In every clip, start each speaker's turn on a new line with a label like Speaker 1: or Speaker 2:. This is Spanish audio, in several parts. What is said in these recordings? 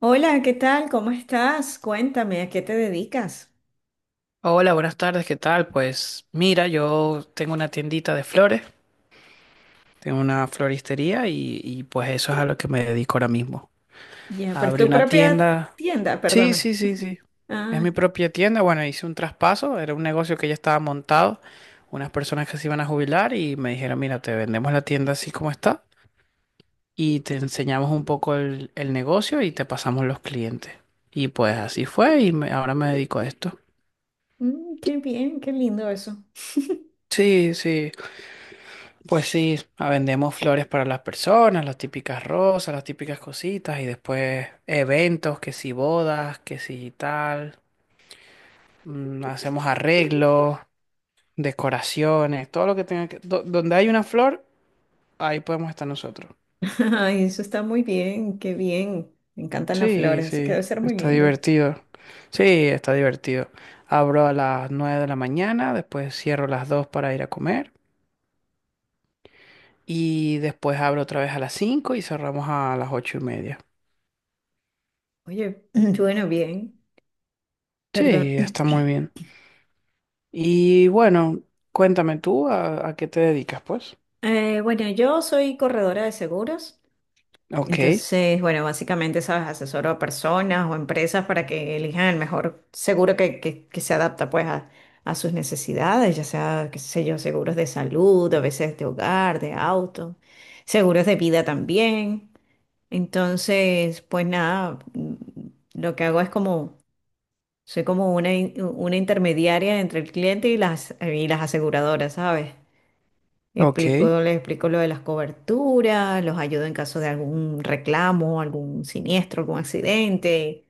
Speaker 1: Hola, ¿qué tal? ¿Cómo estás? Cuéntame, ¿a qué te dedicas?
Speaker 2: Hola, buenas tardes, ¿qué tal? Pues mira, yo tengo una tiendita de flores, tengo una floristería pues eso es a lo que me dedico ahora mismo.
Speaker 1: Ya, pero es
Speaker 2: Abrí
Speaker 1: tu
Speaker 2: una
Speaker 1: propia
Speaker 2: tienda.
Speaker 1: tienda,
Speaker 2: Sí,
Speaker 1: perdona.
Speaker 2: sí, sí, sí. Es
Speaker 1: Ah,
Speaker 2: mi propia tienda. Bueno, hice un traspaso, era un negocio que ya estaba montado, unas personas que se iban a jubilar y me dijeron, mira, te vendemos la tienda así como está y te enseñamos un poco el negocio y te pasamos los clientes. Y pues así fue y ahora me dedico a esto.
Speaker 1: mm, qué bien, qué lindo eso.
Speaker 2: Sí, sí. Pues sí, ah, vendemos flores para las personas, las típicas rosas, las típicas cositas y después eventos, que si bodas, que si tal, hacemos arreglos, decoraciones, todo lo que tenga que donde hay una flor, ahí podemos estar nosotros.
Speaker 1: Ay, eso está muy bien, qué bien. Me encantan las
Speaker 2: Sí,
Speaker 1: flores, así que
Speaker 2: sí,
Speaker 1: debe ser muy
Speaker 2: está
Speaker 1: lindo.
Speaker 2: divertido. Sí, está divertido. Abro a las 9 de la mañana, después cierro a las 2 para ir a comer y después abro otra vez a las 5 y cerramos a las 8:30.
Speaker 1: Oye, bueno, bien, perdón.
Speaker 2: Sí, está muy bien. Y bueno, cuéntame tú a qué te dedicas, pues.
Speaker 1: Bueno, yo soy corredora de seguros.
Speaker 2: Ok,
Speaker 1: Entonces, bueno, básicamente, ¿sabes? Asesoro a personas o empresas para que elijan el mejor seguro que se adapta pues a sus necesidades, ya sea, qué sé yo, seguros de salud, a veces de hogar, de auto, seguros de vida también. Entonces, pues nada, lo que hago es como, soy como una, una intermediaria entre el cliente y las aseguradoras, ¿sabes?
Speaker 2: ok,
Speaker 1: Explico, les explico lo de las coberturas, los ayudo en caso de algún reclamo, algún siniestro, algún accidente.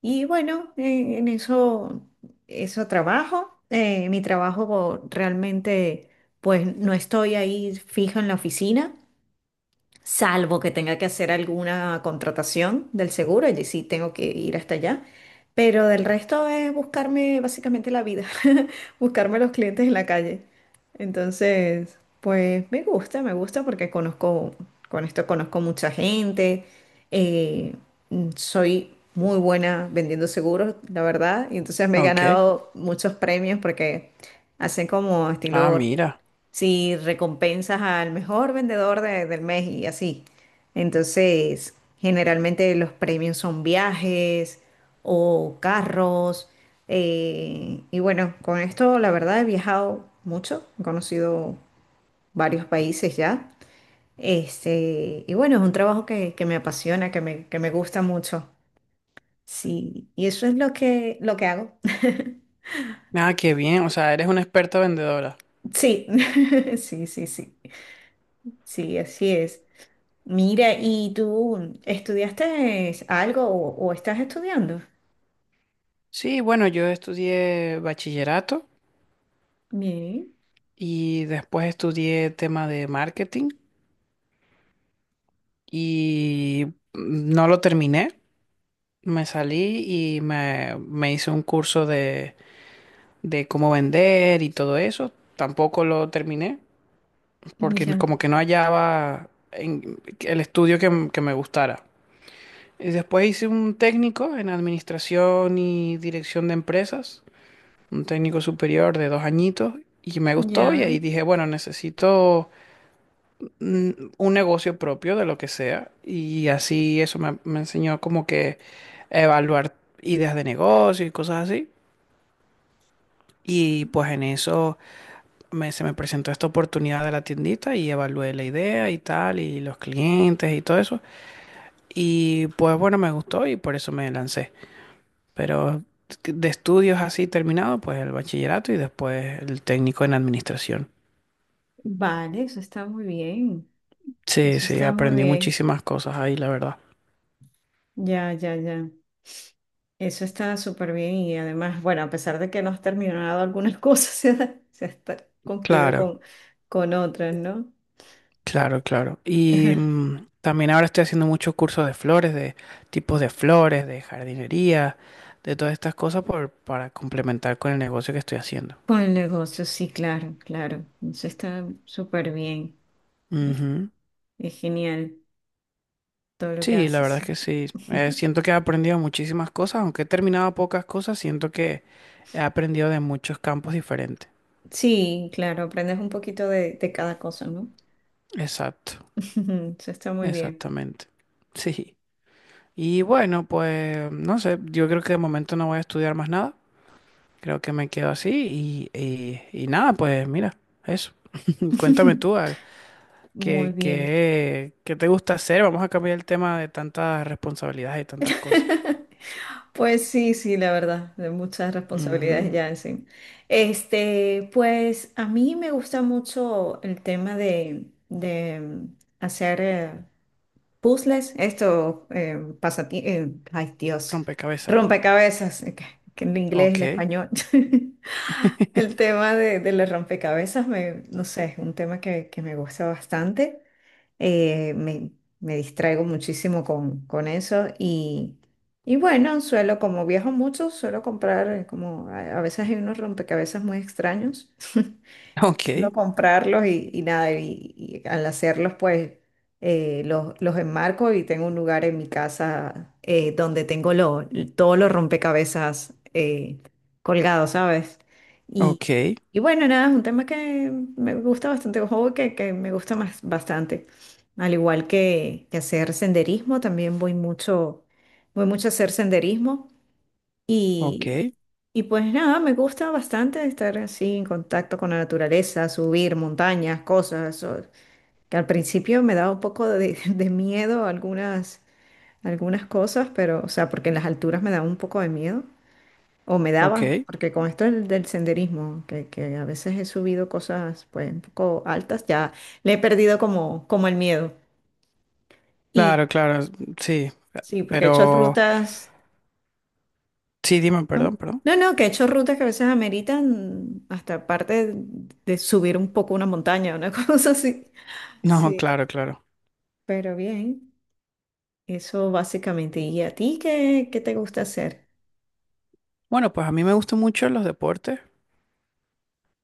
Speaker 1: Y bueno, en eso, eso trabajo. Mi trabajo realmente, pues no estoy ahí fija en la oficina salvo que tenga que hacer alguna contratación del seguro, allí sí tengo que ir hasta allá. Pero del resto es buscarme básicamente la vida, buscarme los clientes en la calle. Entonces, pues me gusta porque conozco, con esto conozco mucha gente, eh, soy muy buena vendiendo seguros, la verdad, y entonces me he
Speaker 2: ok.
Speaker 1: ganado muchos premios porque hacen como
Speaker 2: Ah,
Speaker 1: estilo
Speaker 2: mira.
Speaker 1: si recompensas al mejor vendedor del mes y así. Entonces, generalmente los premios son viajes o carros. Y bueno, con esto la verdad he viajado mucho, he conocido varios países ya. Este, y bueno, es un trabajo que me apasiona, que me gusta mucho. Sí, y eso es lo que hago.
Speaker 2: Ah, qué bien. O sea, eres una experta vendedora.
Speaker 1: Sí, sí, sí, sí. Sí, así es. Mira, ¿y tú estudiaste algo o estás estudiando?
Speaker 2: Sí, bueno, yo estudié bachillerato
Speaker 1: Bien,
Speaker 2: y después estudié tema de marketing y no lo terminé. Me salí y me hice un curso de cómo vender y todo eso. Tampoco lo terminé. Porque
Speaker 1: ya,
Speaker 2: como que no hallaba el estudio que, que me gustara. Y después hice un técnico en administración y dirección de empresas, un técnico superior de 2 añitos, y me gustó y
Speaker 1: ya.
Speaker 2: ahí dije, bueno, necesito mm, un negocio propio de lo que sea. Y así eso me enseñó como que a evaluar ideas de negocio y cosas así. Y pues en eso se me presentó esta oportunidad de la tiendita y evalué la idea y tal, y los clientes y todo eso. Y pues bueno, me gustó y por eso me lancé. Pero de estudios así terminado, pues el bachillerato y después el técnico en administración.
Speaker 1: Vale, eso está muy bien.
Speaker 2: Sí,
Speaker 1: Eso
Speaker 2: sí,
Speaker 1: está muy
Speaker 2: aprendí
Speaker 1: bien.
Speaker 2: muchísimas cosas ahí, la verdad.
Speaker 1: Ya, ya, ya. Eso está súper bien y además, bueno, a pesar de que no has terminado algunas cosas, se ha, se está concluido
Speaker 2: Claro,
Speaker 1: con otras, ¿no?
Speaker 2: claro, claro. Y también ahora estoy haciendo muchos cursos de flores, de tipos de flores, de jardinería, de todas estas cosas para complementar con el negocio que estoy haciendo.
Speaker 1: Con el negocio, sí, claro, claro. Eso está súper bien. es
Speaker 2: Ujú.
Speaker 1: es genial todo lo que
Speaker 2: Sí, la verdad
Speaker 1: haces.
Speaker 2: es que sí. Siento que he aprendido muchísimas cosas, aunque he terminado pocas cosas, siento que he aprendido de muchos campos diferentes.
Speaker 1: Sí, claro, aprendes un poquito de cada cosa, ¿no?
Speaker 2: Exacto,
Speaker 1: Eso está muy bien.
Speaker 2: exactamente. Sí. Y bueno, pues no sé, yo creo que de momento no voy a estudiar más nada. Creo que me quedo así y nada, pues mira, eso. Cuéntame tú, ah,
Speaker 1: Muy
Speaker 2: ¿qué,
Speaker 1: bien.
Speaker 2: qué, qué te gusta hacer? Vamos a cambiar el tema de tantas responsabilidades y tantas cosas.
Speaker 1: Pues sí, sí, la verdad, de muchas responsabilidades
Speaker 2: Ujú.
Speaker 1: ya encima. Este, pues a mí me gusta mucho el tema de hacer puzzles, esto, ay Dios,
Speaker 2: Rompecabezas.
Speaker 1: rompecabezas, que en inglés, el
Speaker 2: Ok,
Speaker 1: español. El tema de los rompecabezas, me, no sé, es un tema que me gusta bastante. Eh, me, Me distraigo muchísimo con eso y bueno, suelo, como viajo mucho, suelo comprar, como a veces hay unos rompecabezas muy extraños, suelo
Speaker 2: ok.
Speaker 1: comprarlos y nada, y al hacerlos pues los enmarco y tengo un lugar en mi casa donde todos los rompecabezas colgados, ¿sabes? Y,
Speaker 2: Ok,
Speaker 1: y bueno, nada, es un tema que me gusta bastante, un juego que me gusta más, bastante. Al igual que hacer senderismo, también voy mucho a hacer senderismo
Speaker 2: ok,
Speaker 1: y, y pues nada, me gusta bastante estar así en contacto con la naturaleza, subir montañas, cosas, o- que al principio me daba un poco de, de miedo algunas, algunas cosas, pero o sea, porque en las alturas me daba un poco de miedo, o me daba,
Speaker 2: ok.
Speaker 1: porque con esto del senderismo, que a veces he subido cosas pues un poco altas, ya le he perdido como, como el miedo.
Speaker 2: Claro, claro, sí,
Speaker 1: Sí, porque he hecho
Speaker 2: pero
Speaker 1: rutas,
Speaker 2: sí, dime,
Speaker 1: ¿no?
Speaker 2: perdón, perdón.
Speaker 1: No, no, que he hecho rutas que a veces ameritan hasta parte de subir un poco una montaña, una cosa así.
Speaker 2: No,
Speaker 1: Sí,
Speaker 2: claro, claro.
Speaker 1: pero bien, eso básicamente. ¿Y a ti qué, qué te gusta hacer?
Speaker 2: Bueno, pues a mí me gustan mucho los deportes,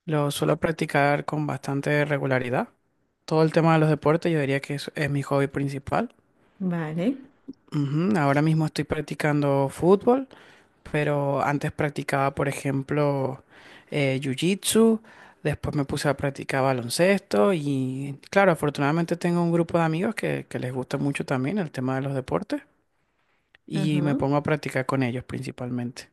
Speaker 2: los suelo practicar con bastante regularidad. Todo el tema de los deportes yo diría que es mi hobby principal.
Speaker 1: Vale,
Speaker 2: Ujú. Ahora mismo estoy practicando fútbol. Pero antes practicaba, por ejemplo, jiu-jitsu, después me puse a practicar baloncesto y claro, afortunadamente tengo un grupo de amigos que les gusta mucho también el tema de los deportes y me
Speaker 1: ajá,
Speaker 2: pongo a practicar con ellos principalmente.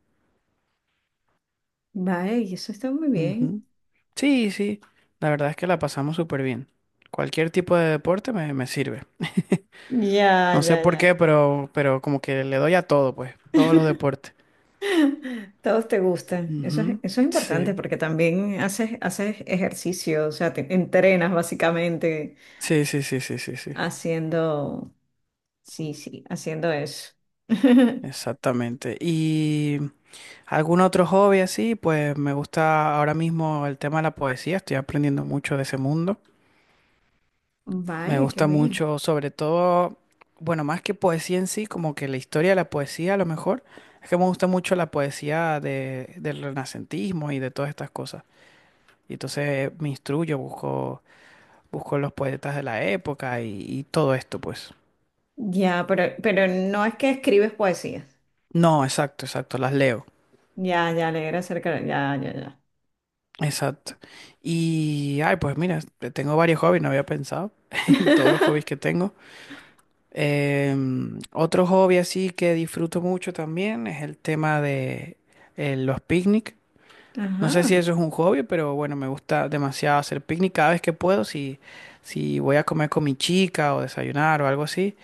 Speaker 1: vale, y eso está muy
Speaker 2: Ujú.
Speaker 1: bien.
Speaker 2: Sí, sí, la verdad es que la pasamos súper bien. Cualquier tipo de deporte me sirve.
Speaker 1: Ya,
Speaker 2: No sé
Speaker 1: ya,
Speaker 2: por qué,
Speaker 1: ya.
Speaker 2: pero como que le doy a todo, pues, todos los deportes.
Speaker 1: Todos te gustan.
Speaker 2: Ujú.
Speaker 1: Eso es importante
Speaker 2: Sí,
Speaker 1: porque también haces, haces ejercicio, o sea, te entrenas básicamente
Speaker 2: sí, sí, sí, sí, sí, sí.
Speaker 1: haciendo. Sí, sí, haciendo eso.
Speaker 2: Exactamente. ¿Y algún otro hobby así? Pues me gusta ahora mismo el tema de la poesía, estoy aprendiendo mucho de ese mundo. Me
Speaker 1: Vale, qué
Speaker 2: gusta
Speaker 1: bien.
Speaker 2: mucho, sobre todo, bueno, más que poesía en sí, como que la historia de la poesía a lo mejor. Es que me gusta mucho la poesía del renacentismo y de todas estas cosas. Y entonces me instruyo, busco, busco los poetas de la época y todo esto, pues.
Speaker 1: Ya, pero no es que escribes poesía.
Speaker 2: No, exacto, exacto, las leo.
Speaker 1: Ya, ya, leer acerca de... Ya, ya, ya.
Speaker 2: Exacto. Y, ay, pues mira, tengo varios hobbies, no había pensado en todos los hobbies que tengo. Em, otro hobby así que disfruto mucho también es el tema de los picnic. No sé si
Speaker 1: Ajá.
Speaker 2: eso es un hobby, pero bueno, me gusta demasiado hacer picnic cada vez que puedo, si, si voy a comer con mi chica o desayunar o algo así,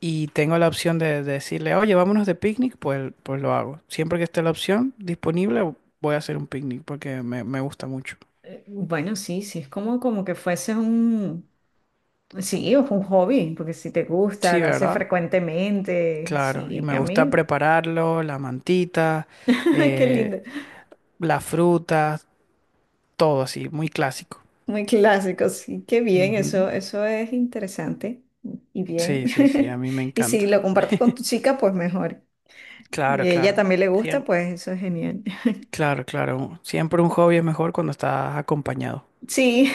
Speaker 2: y tengo la opción de decirle, oye, vámonos de picnic, pues, pues lo hago. Siempre que esté la opción disponible, voy a hacer un picnic porque me gusta mucho.
Speaker 1: Bueno, sí, sí, es como, como que fuese un... Sí, es un hobby, porque si te gusta,
Speaker 2: Sí,
Speaker 1: lo haces
Speaker 2: ¿verdad?
Speaker 1: frecuentemente.
Speaker 2: Claro, y
Speaker 1: Sí,
Speaker 2: me
Speaker 1: a
Speaker 2: gusta
Speaker 1: mí,
Speaker 2: prepararlo, la mantita,
Speaker 1: ay, qué lindo.
Speaker 2: eh, las frutas, todo así, muy clásico.
Speaker 1: Muy clásico, sí, qué bien,
Speaker 2: Ujú.
Speaker 1: eso es interesante y bien.
Speaker 2: Sí, sí, sí, a mí me
Speaker 1: Y si
Speaker 2: encanta.
Speaker 1: lo compartes con tu chica, pues mejor. Y
Speaker 2: Claro,
Speaker 1: a ella
Speaker 2: claro.
Speaker 1: también le gusta,
Speaker 2: Siem-
Speaker 1: pues eso es genial.
Speaker 2: claro, claro. Siempre un hobby es mejor cuando estás acompañado.
Speaker 1: Sí,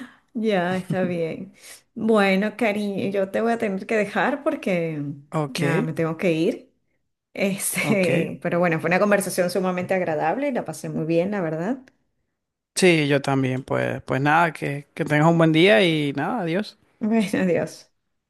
Speaker 1: ya está bien. Bueno, cariño, yo te voy a tener que dejar porque ya
Speaker 2: Ok,
Speaker 1: me tengo que ir.
Speaker 2: ok.
Speaker 1: Este, pero bueno, fue una conversación sumamente agradable y la pasé muy bien, la verdad.
Speaker 2: Sí, yo también, pues, pues nada, que tengas un buen día y nada, adiós.
Speaker 1: Bueno, adiós.